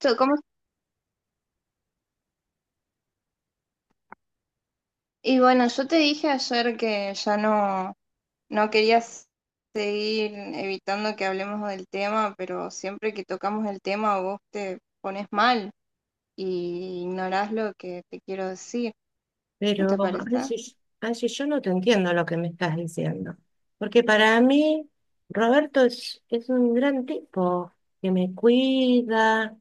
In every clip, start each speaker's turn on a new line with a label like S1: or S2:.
S1: Yo, ¿cómo? Y bueno, yo te dije ayer que ya no quería seguir evitando que hablemos del tema, pero siempre que tocamos el tema vos te pones mal y ignorás lo que te quiero decir,
S2: Pero
S1: ¿no te parece?
S2: a veces yo no te entiendo lo que me estás diciendo, porque para mí Roberto es un gran tipo que me cuida,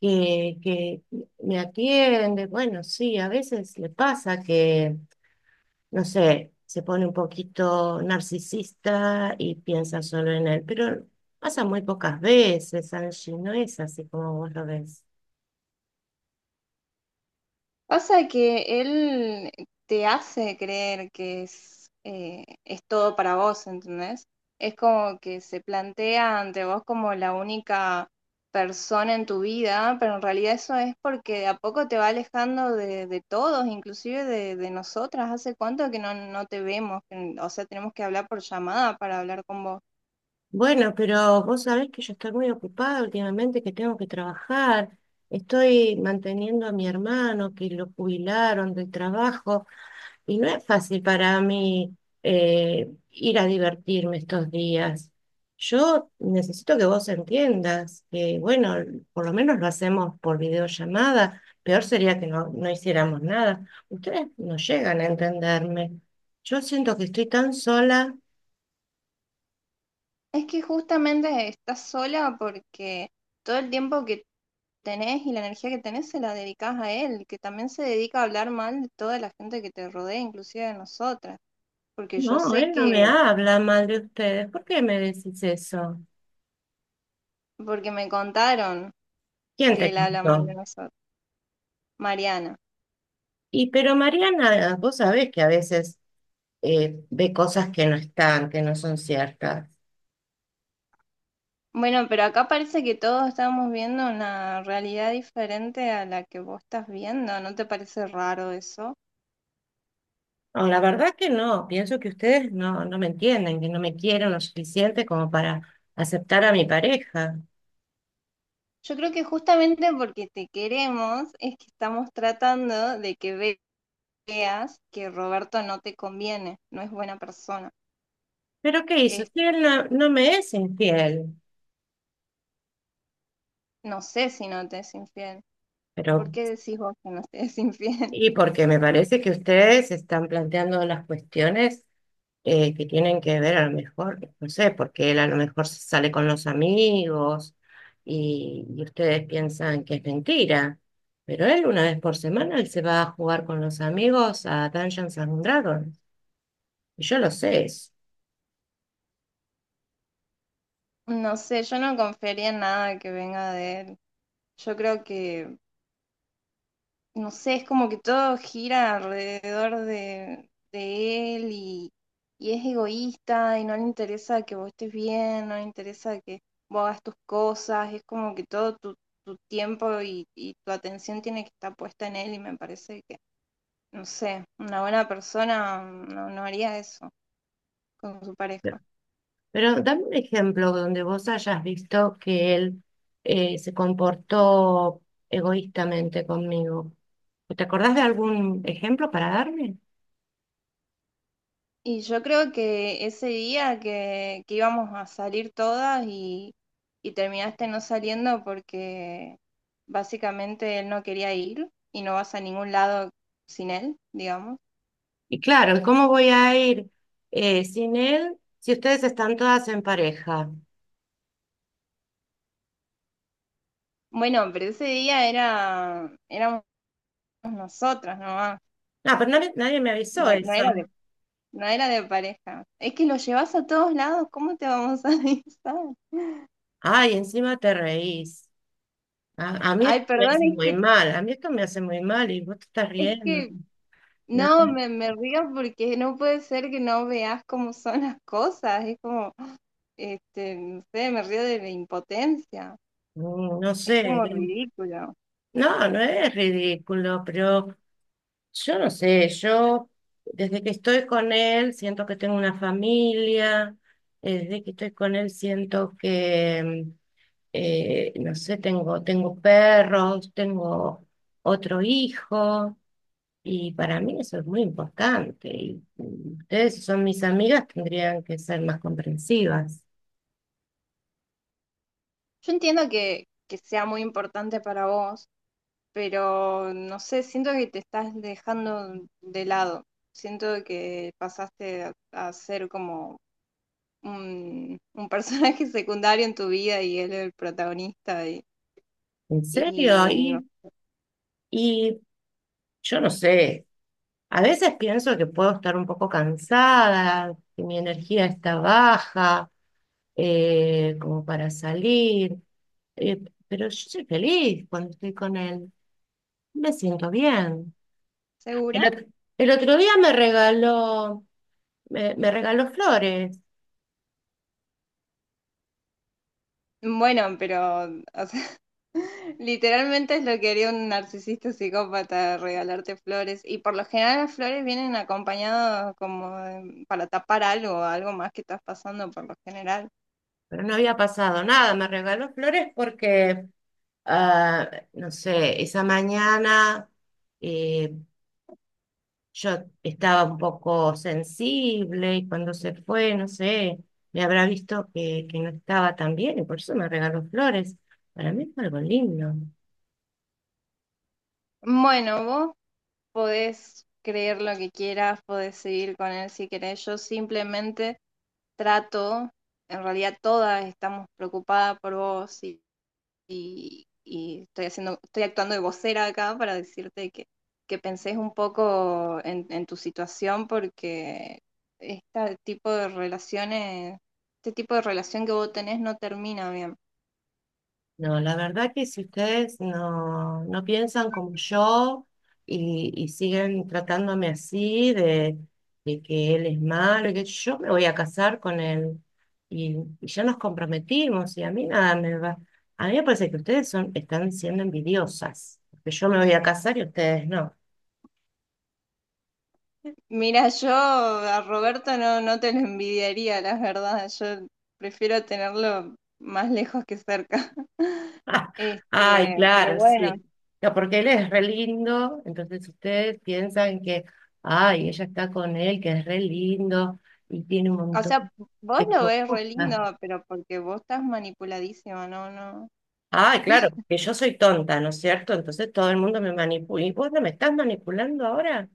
S2: que me atiende. Bueno, sí, a veces le pasa que, no sé, se pone un poquito narcisista y piensa solo en él, pero pasa muy pocas veces, Angie, no es así como vos lo ves.
S1: Pasa que él te hace creer que es todo para vos, ¿entendés? Es como que se plantea ante vos como la única persona en tu vida, pero en realidad eso es porque de a poco te va alejando de todos, inclusive de nosotras. ¿Hace cuánto que no te vemos? O sea, tenemos que hablar por llamada para hablar con vos.
S2: Bueno, pero vos sabés que yo estoy muy ocupada últimamente, que tengo que trabajar. Estoy manteniendo a mi hermano, que lo jubilaron del trabajo, y no es fácil para mí ir a divertirme estos días. Yo necesito que vos entiendas que, bueno, por lo menos lo hacemos por videollamada. Peor sería que no hiciéramos nada. Ustedes no llegan a entenderme. Yo siento que estoy tan sola.
S1: Es que justamente estás sola porque todo el tiempo que tenés y la energía que tenés se la dedicás a él, que también se dedica a hablar mal de toda la gente que te rodea, inclusive de nosotras, porque yo
S2: No,
S1: sé
S2: él no me
S1: que,
S2: habla mal de ustedes. ¿Por qué me decís eso?
S1: porque me contaron
S2: ¿Quién
S1: que
S2: te
S1: él habla mal
S2: contó?
S1: de nosotros, Mariana.
S2: Y pero Mariana, vos sabés que a veces ve cosas que no están, que no son ciertas.
S1: Bueno, pero acá parece que todos estamos viendo una realidad diferente a la que vos estás viendo, ¿no te parece raro eso?
S2: No, la verdad que no. Pienso que ustedes no me entienden, que no me quieren lo suficiente como para aceptar a mi pareja.
S1: Yo creo que justamente porque te queremos es que estamos tratando de que veas que Roberto no te conviene, no es buena persona.
S2: ¿Pero qué hizo?
S1: Es
S2: Si él no me es infiel.
S1: No sé si no te es infiel. ¿Por
S2: Pero,
S1: qué decís vos que no te es infiel?
S2: y porque me parece que ustedes están planteando las cuestiones. Que tienen que ver a lo mejor, no sé, porque él a lo mejor se sale con los amigos y ustedes piensan que es mentira, pero él una vez por semana él se va a jugar con los amigos a Dungeons and Dragons, y yo lo sé eso.
S1: No sé, yo no confiaría en nada que venga de él. Yo creo que, no sé, es como que todo gira alrededor de él y es egoísta y no le interesa que vos estés bien, no le interesa que vos hagas tus cosas, es como que todo tu tiempo y tu atención tiene que estar puesta en él y me parece que, no sé, una buena persona no haría eso con su
S2: Pero
S1: pareja.
S2: pero dame un ejemplo donde vos hayas visto que él se comportó egoístamente conmigo. ¿Te acordás de algún ejemplo para darme?
S1: Y yo creo que ese día que íbamos a salir todas y terminaste no saliendo porque básicamente él no quería ir y no vas a ningún lado sin él, digamos.
S2: Y claro, ¿cómo voy a ir sin él si ustedes están todas en pareja?
S1: Bueno, pero ese día era, éramos nosotras nomás,
S2: No, pero nadie me avisó
S1: no
S2: eso.
S1: era no era de pareja. Es que lo llevas a todos lados, ¿cómo te vamos a avisar?
S2: Ay, encima te reís. A mí esto
S1: Ay,
S2: me
S1: perdón,
S2: hace
S1: es
S2: muy
S1: que,
S2: mal, a mí esto me hace muy mal y vos te estás
S1: es
S2: riendo.
S1: que
S2: No,
S1: No, me río porque no puede ser que no veas cómo son las cosas. Es como, no sé, me río de la impotencia.
S2: no
S1: Es
S2: sé.
S1: como ridículo.
S2: No, no es ridículo, pero yo no sé, yo desde que estoy con él siento que tengo una familia, desde que estoy con él siento que, no sé, tengo perros, tengo otro hijo y para mí eso es muy importante. Y ustedes, si son mis amigas, tendrían que ser más comprensivas.
S1: Yo entiendo que sea muy importante para vos, pero no sé, siento que te estás dejando de lado. Siento que pasaste a ser como un personaje secundario en tu vida y él el protagonista
S2: ¿En serio?
S1: y no,
S2: Y yo no sé, a veces pienso que puedo estar un poco cansada, que mi energía está baja como para salir, eh, pero yo soy feliz cuando estoy con él, me siento bien. El,
S1: ¿segura?
S2: ot- el otro día me regaló, me regaló flores,
S1: Bueno, pero, o sea, literalmente es lo que haría un narcisista psicópata, regalarte flores. Y por lo general las flores vienen acompañadas como para tapar algo, algo más que estás pasando por lo general.
S2: pero no había pasado nada, me regaló flores porque, ah, no sé, esa mañana eh, yo estaba un poco sensible y cuando se fue, no sé, me habrá visto que no estaba tan bien y por eso me regaló flores. Para mí fue algo lindo.
S1: Bueno, vos podés creer lo que quieras, podés seguir con él si querés. Yo simplemente trato, en realidad todas estamos preocupadas por vos y y estoy haciendo, estoy actuando de vocera acá para decirte que pensés un poco en tu situación porque este tipo de relaciones, este tipo de relación que vos tenés no termina bien.
S2: No, la verdad que si ustedes no piensan como yo y siguen tratándome así de que él es malo y que yo me voy a casar con él y ya nos comprometimos y a mí nada me va. A mí me parece que ustedes están siendo envidiosas, porque yo me voy a casar y ustedes no.
S1: Mira, yo a Roberto no te lo envidiaría, la verdad. Yo prefiero tenerlo más lejos que cerca.
S2: Ay,
S1: Pero
S2: claro,
S1: bueno,
S2: sí. No, porque él es re lindo, entonces ustedes piensan que, ay, ella está con él, que es re lindo y tiene un
S1: o
S2: montón
S1: sea, vos
S2: de
S1: lo ves re
S2: cosas.
S1: lindo, pero porque vos estás manipuladísima,
S2: Ay, claro, que yo soy tonta, ¿no es cierto? Entonces todo el mundo me manipula. ¿Y vos no me estás manipulando ahora?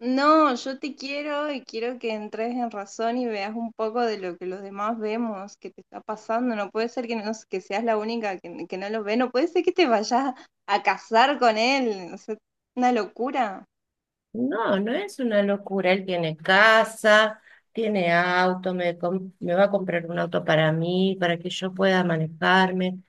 S1: No, yo te quiero y quiero que entres en razón y veas un poco de lo que los demás vemos, que te está pasando. No puede ser que, no, que seas la única que no lo ve, no puede ser que te vayas a casar con él. O sea, una locura.
S2: No, no es una locura. Él tiene casa, tiene auto, me va a comprar un auto para mí, para que yo pueda manejarme.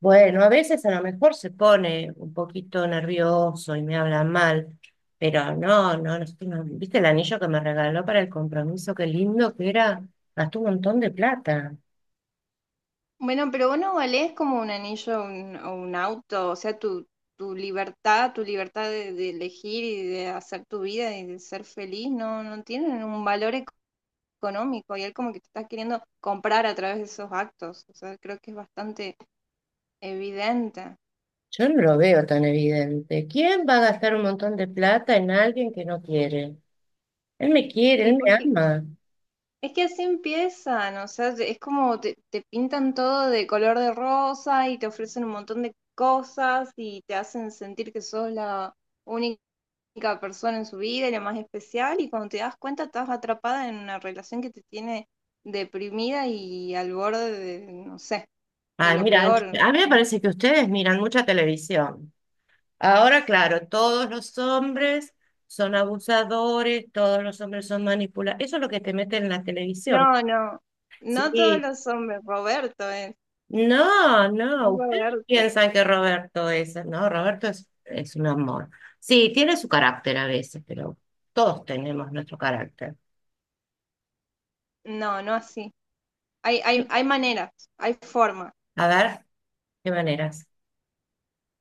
S2: Bueno, a veces a lo mejor se pone un poquito nervioso y me habla mal, pero no, no, no, no. ¿Viste el anillo que me regaló para el compromiso? Qué lindo que era. Gastó un montón de plata.
S1: Bueno, pero vos no valés como un anillo o un auto, o sea, tu libertad de elegir y de hacer tu vida y de ser feliz, no tienen un valor económico y él como que te está queriendo comprar a través de esos actos. O sea, creo que es bastante evidente.
S2: Yo no lo veo tan evidente. ¿Quién va a gastar un montón de plata en alguien que no quiere? Él me quiere,
S1: Y
S2: él me
S1: porque
S2: ama.
S1: Es que así empiezan, o sea, es como te pintan todo de color de rosa y te ofrecen un montón de cosas y te hacen sentir que sos la única persona en su vida y la más especial y cuando te das cuenta estás atrapada en una relación que te tiene deprimida y al borde de, no sé, de
S2: Ay,
S1: lo
S2: mira, a
S1: peor.
S2: mí me parece que ustedes miran mucha televisión. Ahora, claro, todos los hombres son abusadores, todos los hombres son manipuladores. Eso es lo que te meten en la televisión.
S1: No, no, no todos
S2: Sí,
S1: los hombres,
S2: no,
S1: es
S2: no, ustedes
S1: Roberto.
S2: piensan que no, Roberto es un amor. Sí, tiene su carácter a veces, pero todos tenemos nuestro carácter.
S1: No, no así. Hay maneras, hay formas.
S2: A ver, ¿qué maneras?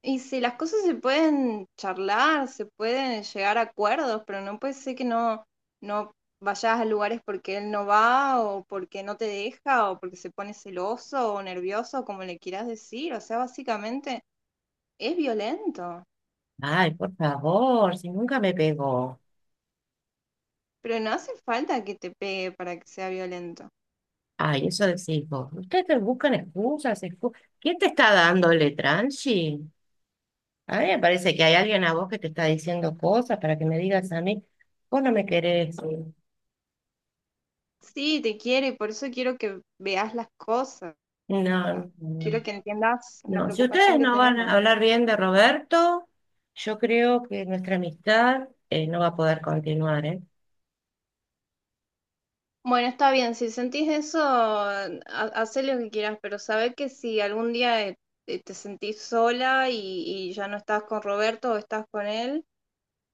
S1: Y si las cosas se pueden charlar, se pueden llegar a acuerdos, pero no puede ser que no vayas a lugares porque él no va o porque no te deja o porque se pone celoso o nervioso, como le quieras decir. O sea, básicamente es violento,
S2: Ay, por favor, si nunca me pegó.
S1: pero no hace falta que te pegue para que sea violento.
S2: Ay, eso decís vos. Ustedes te buscan ¿Quién te está dándole tranchi? A mí me parece que hay alguien a vos que te está diciendo cosas para que me digas a mí, vos no me querés. No,
S1: Sí, te quiere, por eso quiero que veas las cosas. Quiero
S2: no.
S1: que entiendas la
S2: No, si
S1: preocupación
S2: ustedes
S1: que
S2: no van
S1: tenemos.
S2: a hablar bien de Roberto, yo creo que nuestra amistad no va a poder continuar, ¿eh?
S1: Bueno, está bien, si sentís eso, hacé lo que quieras, pero sabé que si algún día te sentís sola y ya no estás con Roberto o estás con él,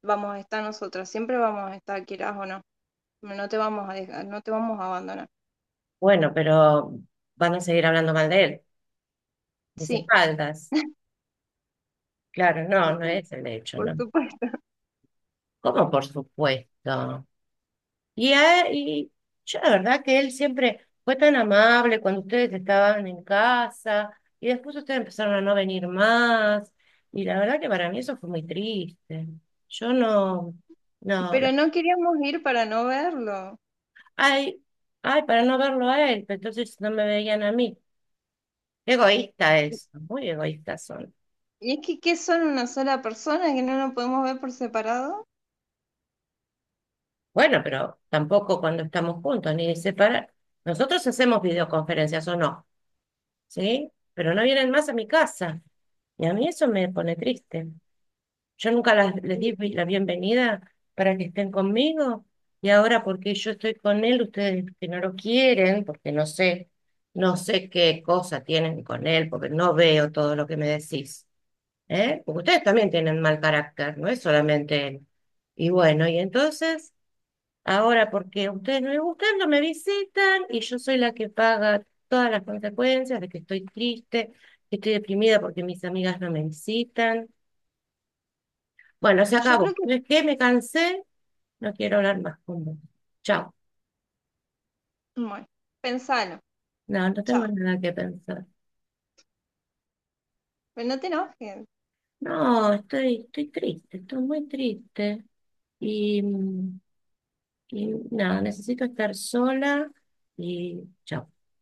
S1: vamos a estar nosotras, siempre vamos a estar, quieras o no. No te vamos a dejar, no te vamos a abandonar.
S2: Bueno, pero van a seguir hablando mal de él, mis
S1: Sí,
S2: espaldas. Claro, no, no es el hecho,
S1: por
S2: ¿no?
S1: supuesto.
S2: ¿Cómo por supuesto? Y, y yo la verdad que él siempre fue tan amable cuando ustedes estaban en casa y después ustedes empezaron a no venir más. Y la verdad que para mí eso fue muy triste. Yo no, no,
S1: Pero
S2: la-
S1: no queríamos ir para no verlo.
S2: ay, ay, para no verlo a él, pero entonces no me veían a mí. Qué egoísta es, muy egoístas son.
S1: ¿Y es que qué son una sola persona que no nos podemos ver por separado?
S2: Bueno, pero tampoco cuando estamos juntos, ni separar. Nosotros hacemos videoconferencias o no, ¿sí? Pero no vienen más a mi casa. Y a mí eso me pone triste. Yo nunca les di la bienvenida para que estén conmigo y ahora porque yo estoy con él, ustedes que no lo quieren, porque no sé, no sé qué cosa tienen con él, porque no veo todo lo que me decís, ¿eh? Porque ustedes también tienen mal carácter, no es solamente él. Y bueno, y entonces, ahora porque a ustedes no les gustan, no me visitan y yo soy la que paga todas las consecuencias de que estoy triste, que estoy deprimida porque mis amigas no me visitan, bueno, se
S1: Yo creo
S2: acabó.
S1: que,
S2: No, es que me cansé, no quiero hablar más con vos. Chao.
S1: bueno, pensalo.
S2: No, no tengo
S1: Chao.
S2: nada que pensar.
S1: Pero no te enojes.
S2: No, estoy, estoy triste, estoy muy triste. Y, y nada, necesito estar sola y chao.